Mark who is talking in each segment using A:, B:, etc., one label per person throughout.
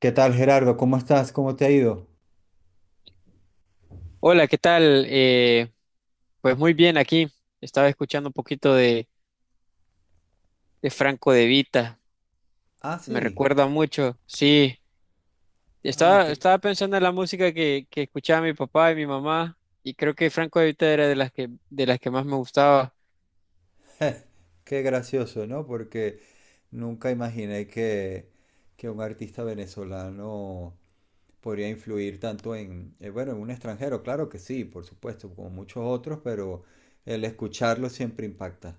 A: ¿Qué tal, Gerardo? ¿Cómo estás? ¿Cómo te ha ido?
B: Hola, ¿qué tal? Pues muy bien aquí. Estaba escuchando un poquito de Franco De Vita.
A: Ah,
B: Me
A: sí.
B: recuerda mucho. Sí,
A: Ah, qué,
B: estaba pensando en la música que escuchaba mi papá y mi mamá, y creo que Franco De Vita era de las de las que más me gustaba.
A: qué gracioso, ¿no? Porque nunca imaginé que un artista venezolano podría influir tanto en, bueno, en un extranjero. Claro que sí, por supuesto, como muchos otros, pero el escucharlo siempre impacta.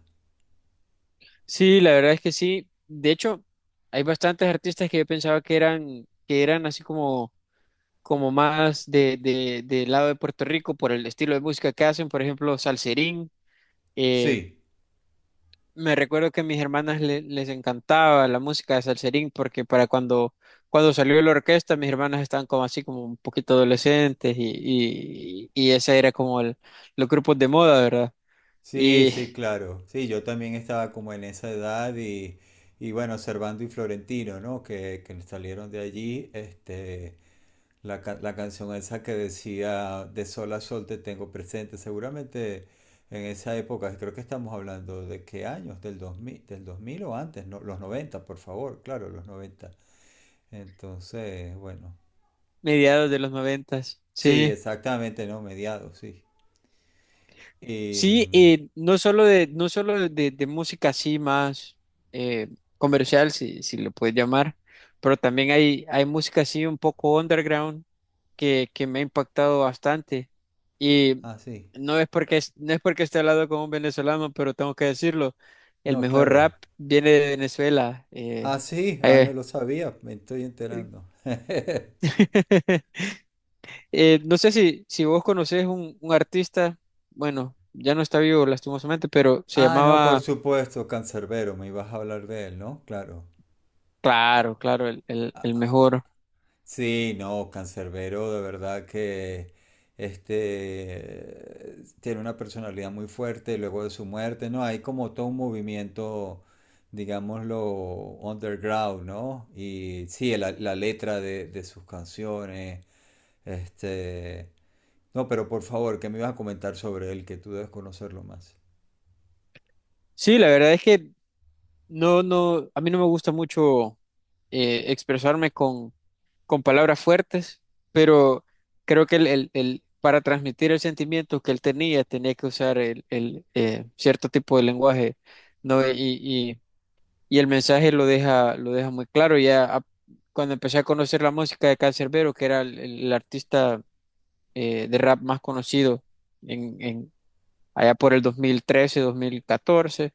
B: Sí, la verdad es que sí. De hecho, hay bastantes artistas que yo pensaba que que eran así como, como más del lado de Puerto Rico por el estilo de música que hacen. Por ejemplo, Salserín. eh,
A: Sí.
B: Me recuerdo que a mis hermanas les encantaba la música de Salserín porque para cuando salió la orquesta, mis hermanas estaban como así como un poquito adolescentes, y ese era como los grupos de moda, ¿verdad?
A: Sí,
B: Y
A: sí, claro. Sí, yo también estaba como en esa edad y bueno, Servando y Florentino, ¿no? Que salieron de allí, este, la canción esa que decía De sol a sol te tengo presente. Seguramente en esa época, creo que estamos hablando de qué años, del 2000, del 2000 o antes, no, los noventa, por favor, claro, los 90. Entonces, bueno,
B: mediados de los noventas,
A: sí,
B: sí.
A: exactamente, ¿no? Mediados, sí. Y,
B: Sí, y no solo no solo de música así más eh, comercial, si lo puedes llamar, pero también hay música así un poco underground que me ha impactado bastante. Y
A: ah, sí.
B: no es porque, no es porque esté hablando con un venezolano, pero tengo que decirlo, el
A: No,
B: mejor rap
A: claro.
B: viene de Venezuela.
A: Ah, sí, ah, no
B: Eh.
A: lo sabía, me estoy enterando.
B: No sé si vos conocés un artista, bueno, ya no está vivo lastimosamente, pero se
A: Ah, no, por
B: llamaba...
A: supuesto, Cancerbero, me ibas a hablar de él, ¿no? Claro.
B: Claro, claro, el mejor.
A: Sí, no, Cancerbero de verdad que este tiene una personalidad muy fuerte luego de su muerte, ¿no? Hay como todo un movimiento, digámoslo, underground, ¿no? Y sí, la letra de sus canciones, este... No, pero por favor, ¿qué me ibas a comentar sobre él, que tú debes conocerlo más?
B: Sí, la verdad es que no, no, a mí no me gusta mucho expresarme con palabras fuertes, pero creo que para transmitir el sentimiento que él tenía, tenía que usar cierto tipo de lenguaje, ¿no? Y, y el mensaje lo deja muy claro. Cuando empecé a conocer la música de Canserbero, que era el artista de rap más conocido allá por el 2013, 2014.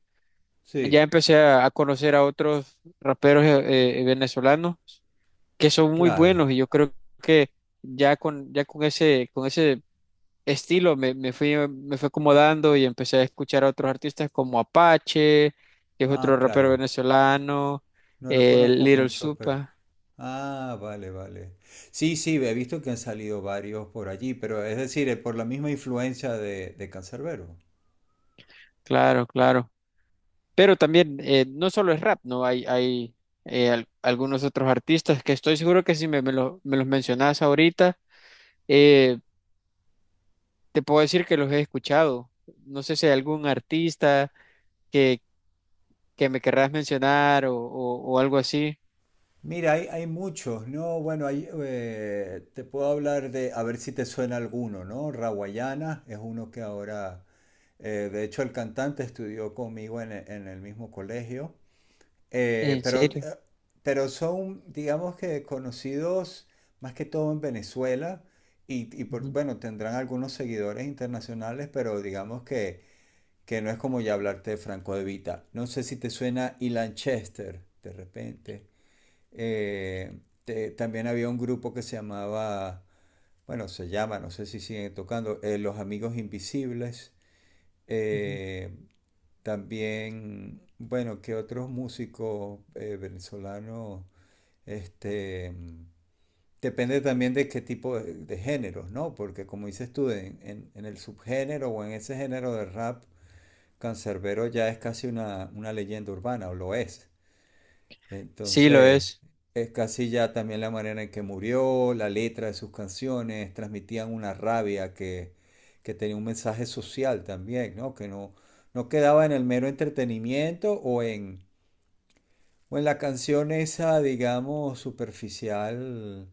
B: Ya
A: Sí.
B: empecé a conocer a otros raperos venezolanos que son muy
A: Claro.
B: buenos, y yo creo que ya con con ese estilo me fui acomodando, y empecé a escuchar a otros artistas como Apache, que es otro
A: Ah,
B: rapero
A: claro.
B: venezolano,
A: No lo conozco
B: Little
A: mucho, pero...
B: Supa,
A: Ah, vale, vale. Sí, sí, he visto que han salido varios por allí, pero es decir, por la misma influencia de Cancerbero.
B: claro, claro. Pero también, no solo es rap, ¿no? Hay, algunos otros artistas que estoy seguro que si me los mencionas ahorita, Eh, te puedo decir que los he escuchado. No sé si hay algún artista que, que me querrás mencionar o algo así.
A: Mira, hay muchos, ¿no? Bueno, hay, te puedo hablar de, a ver si te suena alguno, ¿no? Rawayana es uno que ahora, de hecho el cantante estudió conmigo en, en el mismo colegio. Eh,
B: ¿En
A: pero, eh,
B: serio?
A: pero son, digamos que conocidos más que todo en Venezuela y,
B: Ujú,
A: bueno, tendrán algunos seguidores internacionales, pero digamos que no es como ya hablarte de Franco De Vita. No sé si te suena Ilan Chester, de repente. También había un grupo que se llamaba, bueno, se llama, no sé si siguen tocando, Los Amigos Invisibles.
B: ujú.
A: Eh, también, bueno, que otros músicos venezolanos, este, depende también de qué tipo de géneros, ¿no? Porque como dices tú, en el subgénero o en ese género de rap, Canserbero ya es casi una leyenda urbana, o lo es.
B: Sí, lo
A: Entonces,
B: es.
A: es casi ya también la manera en que murió, la letra de sus canciones, transmitían una rabia que tenía un mensaje social también, ¿no? Que no, no quedaba en el mero entretenimiento o en la canción esa, digamos, superficial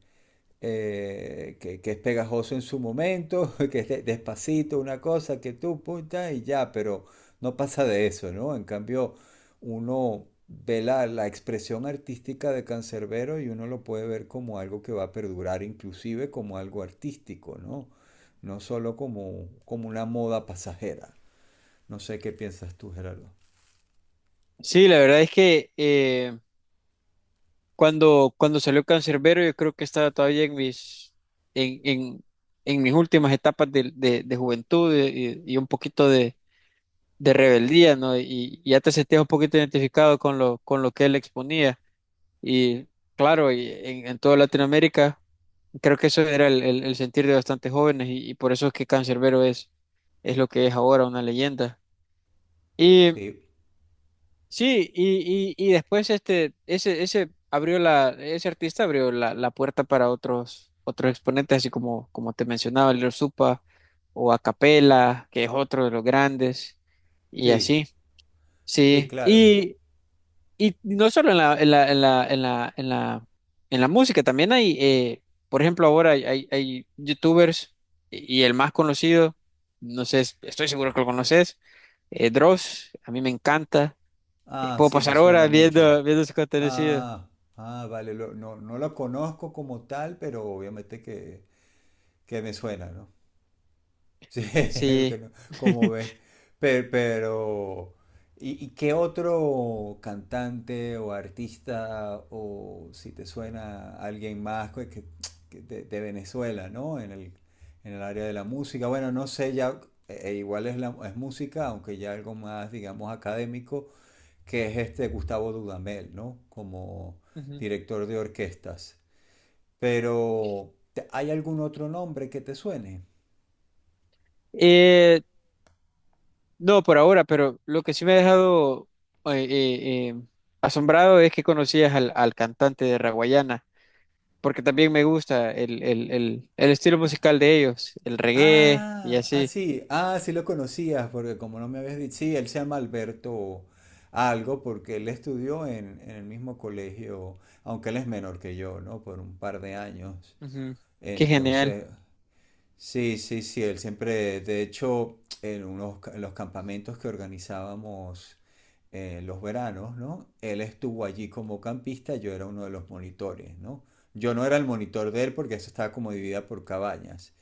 A: que es pegajoso en su momento, despacito, una cosa que tú punta y ya, pero no pasa de eso, ¿no? En cambio, uno ve la expresión artística de Cancerbero y uno lo puede ver como algo que va a perdurar, inclusive como algo artístico, ¿no? No solo como, como una moda pasajera. No sé qué piensas tú, Gerardo.
B: Sí, la verdad es que cuando salió Cancerbero yo creo que estaba todavía en en, en, en mis últimas etapas de juventud, y un poquito de rebeldía, ¿no? Y ya te sentías un poquito identificado con con lo que él exponía. Y claro, y en toda Latinoamérica, creo que eso era el sentir de bastantes jóvenes, y por eso es que Cancerbero es lo que es ahora, una leyenda. Y
A: Sí,
B: sí, y después ese abrió la, ese artista abrió la, la puerta para otros, otros exponentes, así como, como te mencionaba, Lil Supa o Acapella, que es otro de los grandes, y
A: sí,
B: así.
A: sí,
B: Sí,
A: claro.
B: y no solo en la, en la, en la, en la, en la, en la música, también hay, por ejemplo, ahora hay, hay youtubers, y el más conocido, no sé, estoy seguro que lo conoces, Dross, a mí me encanta.
A: Ah,
B: Puedo
A: sí, me
B: pasar
A: suena
B: horas
A: mucho.
B: viendo, viendo su contenido.
A: Ah, ah, vale, no, no lo conozco como tal, pero obviamente que me suena, ¿no? Sí, que
B: Sí.
A: no, como ves. Pero y qué otro cantante o artista o si te suena alguien más que de Venezuela, ¿no? En el área de la música. Bueno, no sé, ya igual es, la, es música, aunque ya algo más, digamos, académico que es este Gustavo Dudamel, ¿no? Como
B: Ujú.
A: director de orquestas. Pero, ¿hay algún otro nombre que te suene?
B: Eh, no, por ahora, pero lo que sí me ha dejado eh, eh, eh, asombrado es que conocías al cantante de Raguayana, porque también me gusta el estilo musical de ellos, el reggae y
A: Ah, ah,
B: así.
A: sí, ah, sí lo conocías, porque como no me habías dicho, sí, él se llama Alberto algo, porque él estudió en el mismo colegio, aunque él es menor que yo, ¿no? Por un par de años.
B: Ujú. Qué genial.
A: Entonces, sí, sí, sí, él siempre, de hecho, en unos, en los campamentos que organizábamos en los veranos, ¿no? Él estuvo allí como campista, yo era uno de los monitores, ¿no? Yo no era el monitor de él porque eso estaba como dividida por cabañas,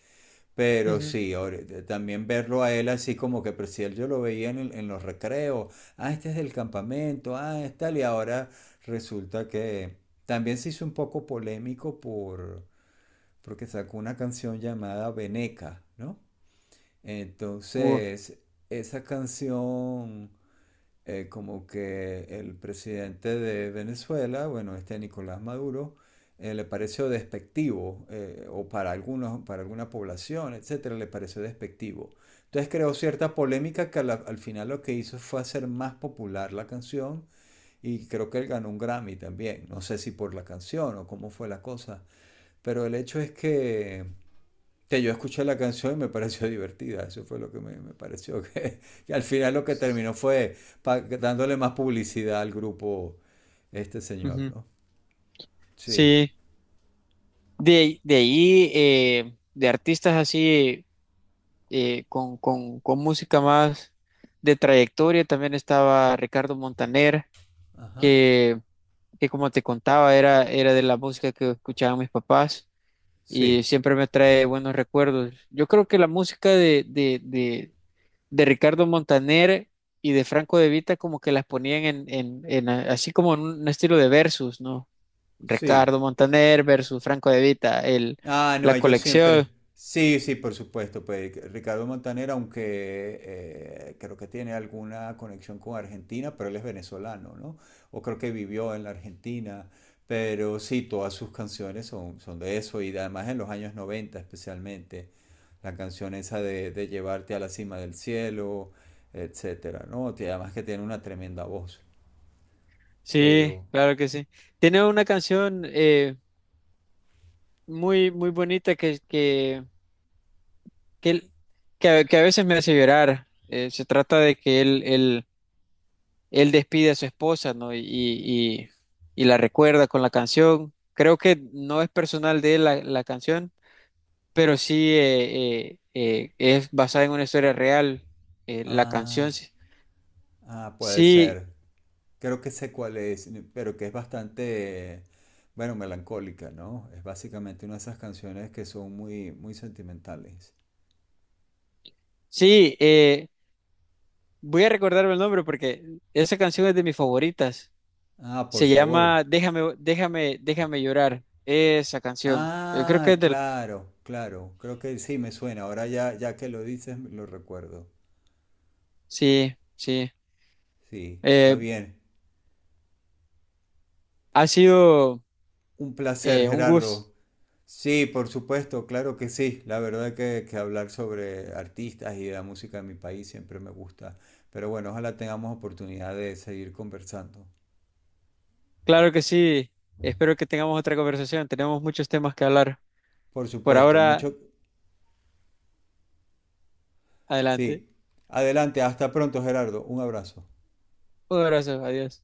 A: pero
B: Ujú.
A: sí, ahora, también verlo a él así como que, pero si él yo lo veía en, en los recreos, ah, este es del campamento, ah, es tal, y ahora resulta que también se hizo un poco polémico porque sacó una canción llamada Veneca, ¿no?
B: Uh,
A: Entonces, esa canción, como que el presidente de Venezuela, bueno, este Nicolás Maduro, le pareció despectivo, o para algunos, para alguna población, etcétera, le pareció despectivo. Entonces creó cierta polémica que al final lo que hizo fue hacer más popular la canción y creo que él ganó un Grammy también. No sé si por la canción o cómo fue la cosa, pero el hecho es que yo escuché la canción y me pareció divertida, eso fue lo que me pareció, que, al final lo que terminó fue pa, dándole más publicidad al grupo este señor,
B: ujú.
A: ¿no? Sí,
B: Sí, de ahí, de artistas así, con música más de trayectoria, también estaba Ricardo Montaner,
A: ajá,
B: que, que como te contaba, era de la música que escuchaban mis papás, y
A: sí,
B: siempre me trae buenos recuerdos. Yo creo que la música de Ricardo Montaner y de Franco De Vita, como que las ponían así como en un estilo de versus, ¿no?
A: sí.
B: Ricardo Montaner versus Franco De Vita, el,
A: Ah, no,
B: la
A: ellos
B: colección.
A: siempre. Sí, sí, por supuesto. Pues Ricardo Montaner, aunque creo que tiene alguna conexión con Argentina, pero él es venezolano, ¿no? O creo que vivió en la Argentina. Pero sí, todas sus canciones son, son de eso. Y además en los años 90, especialmente. La canción esa de llevarte a la cima del cielo, etcétera, ¿no? Te- además que tiene una tremenda voz.
B: Sí,
A: Pero.
B: claro que sí. Tiene una canción muy, muy bonita que, él- que a que a veces me hace llorar. Se trata de que él despide a su esposa, ¿no? Y la recuerda con la canción. Creo que no es personal de él la la canción, pero sí, es basada en una historia real, la canción.
A: Ah,
B: Sí,
A: ah, puede
B: sí,
A: ser. Creo que sé cuál es, pero que es bastante, bueno, melancólica, ¿no? Es básicamente una de esas canciones que son muy, muy sentimentales.
B: sí, voy a recordarme el nombre porque esa canción es de mis favoritas.
A: Ah, por
B: Se
A: favor.
B: llama Déjame, déjame, déjame llorar. Esa canción. Creo que
A: Ah,
B: es del...
A: claro, claro. Creo que sí me suena. Ahora ya, ya que lo dices, lo recuerdo.
B: Sí, sí.
A: Sí, está
B: Eh,
A: bien.
B: ha sido
A: Un placer,
B: eh, un gusto.
A: Gerardo. Sí, por supuesto, claro que sí. La verdad que hablar sobre artistas y la música de mi país siempre me gusta. Pero bueno, ojalá tengamos oportunidad de seguir conversando.
B: Claro que sí. Espero que tengamos otra conversación. Tenemos muchos temas que hablar.
A: Por
B: Por
A: supuesto,
B: ahora,
A: mucho.
B: adelante.
A: Sí. Adelante, hasta pronto, Gerardo. Un abrazo.
B: Un abrazo. Adiós.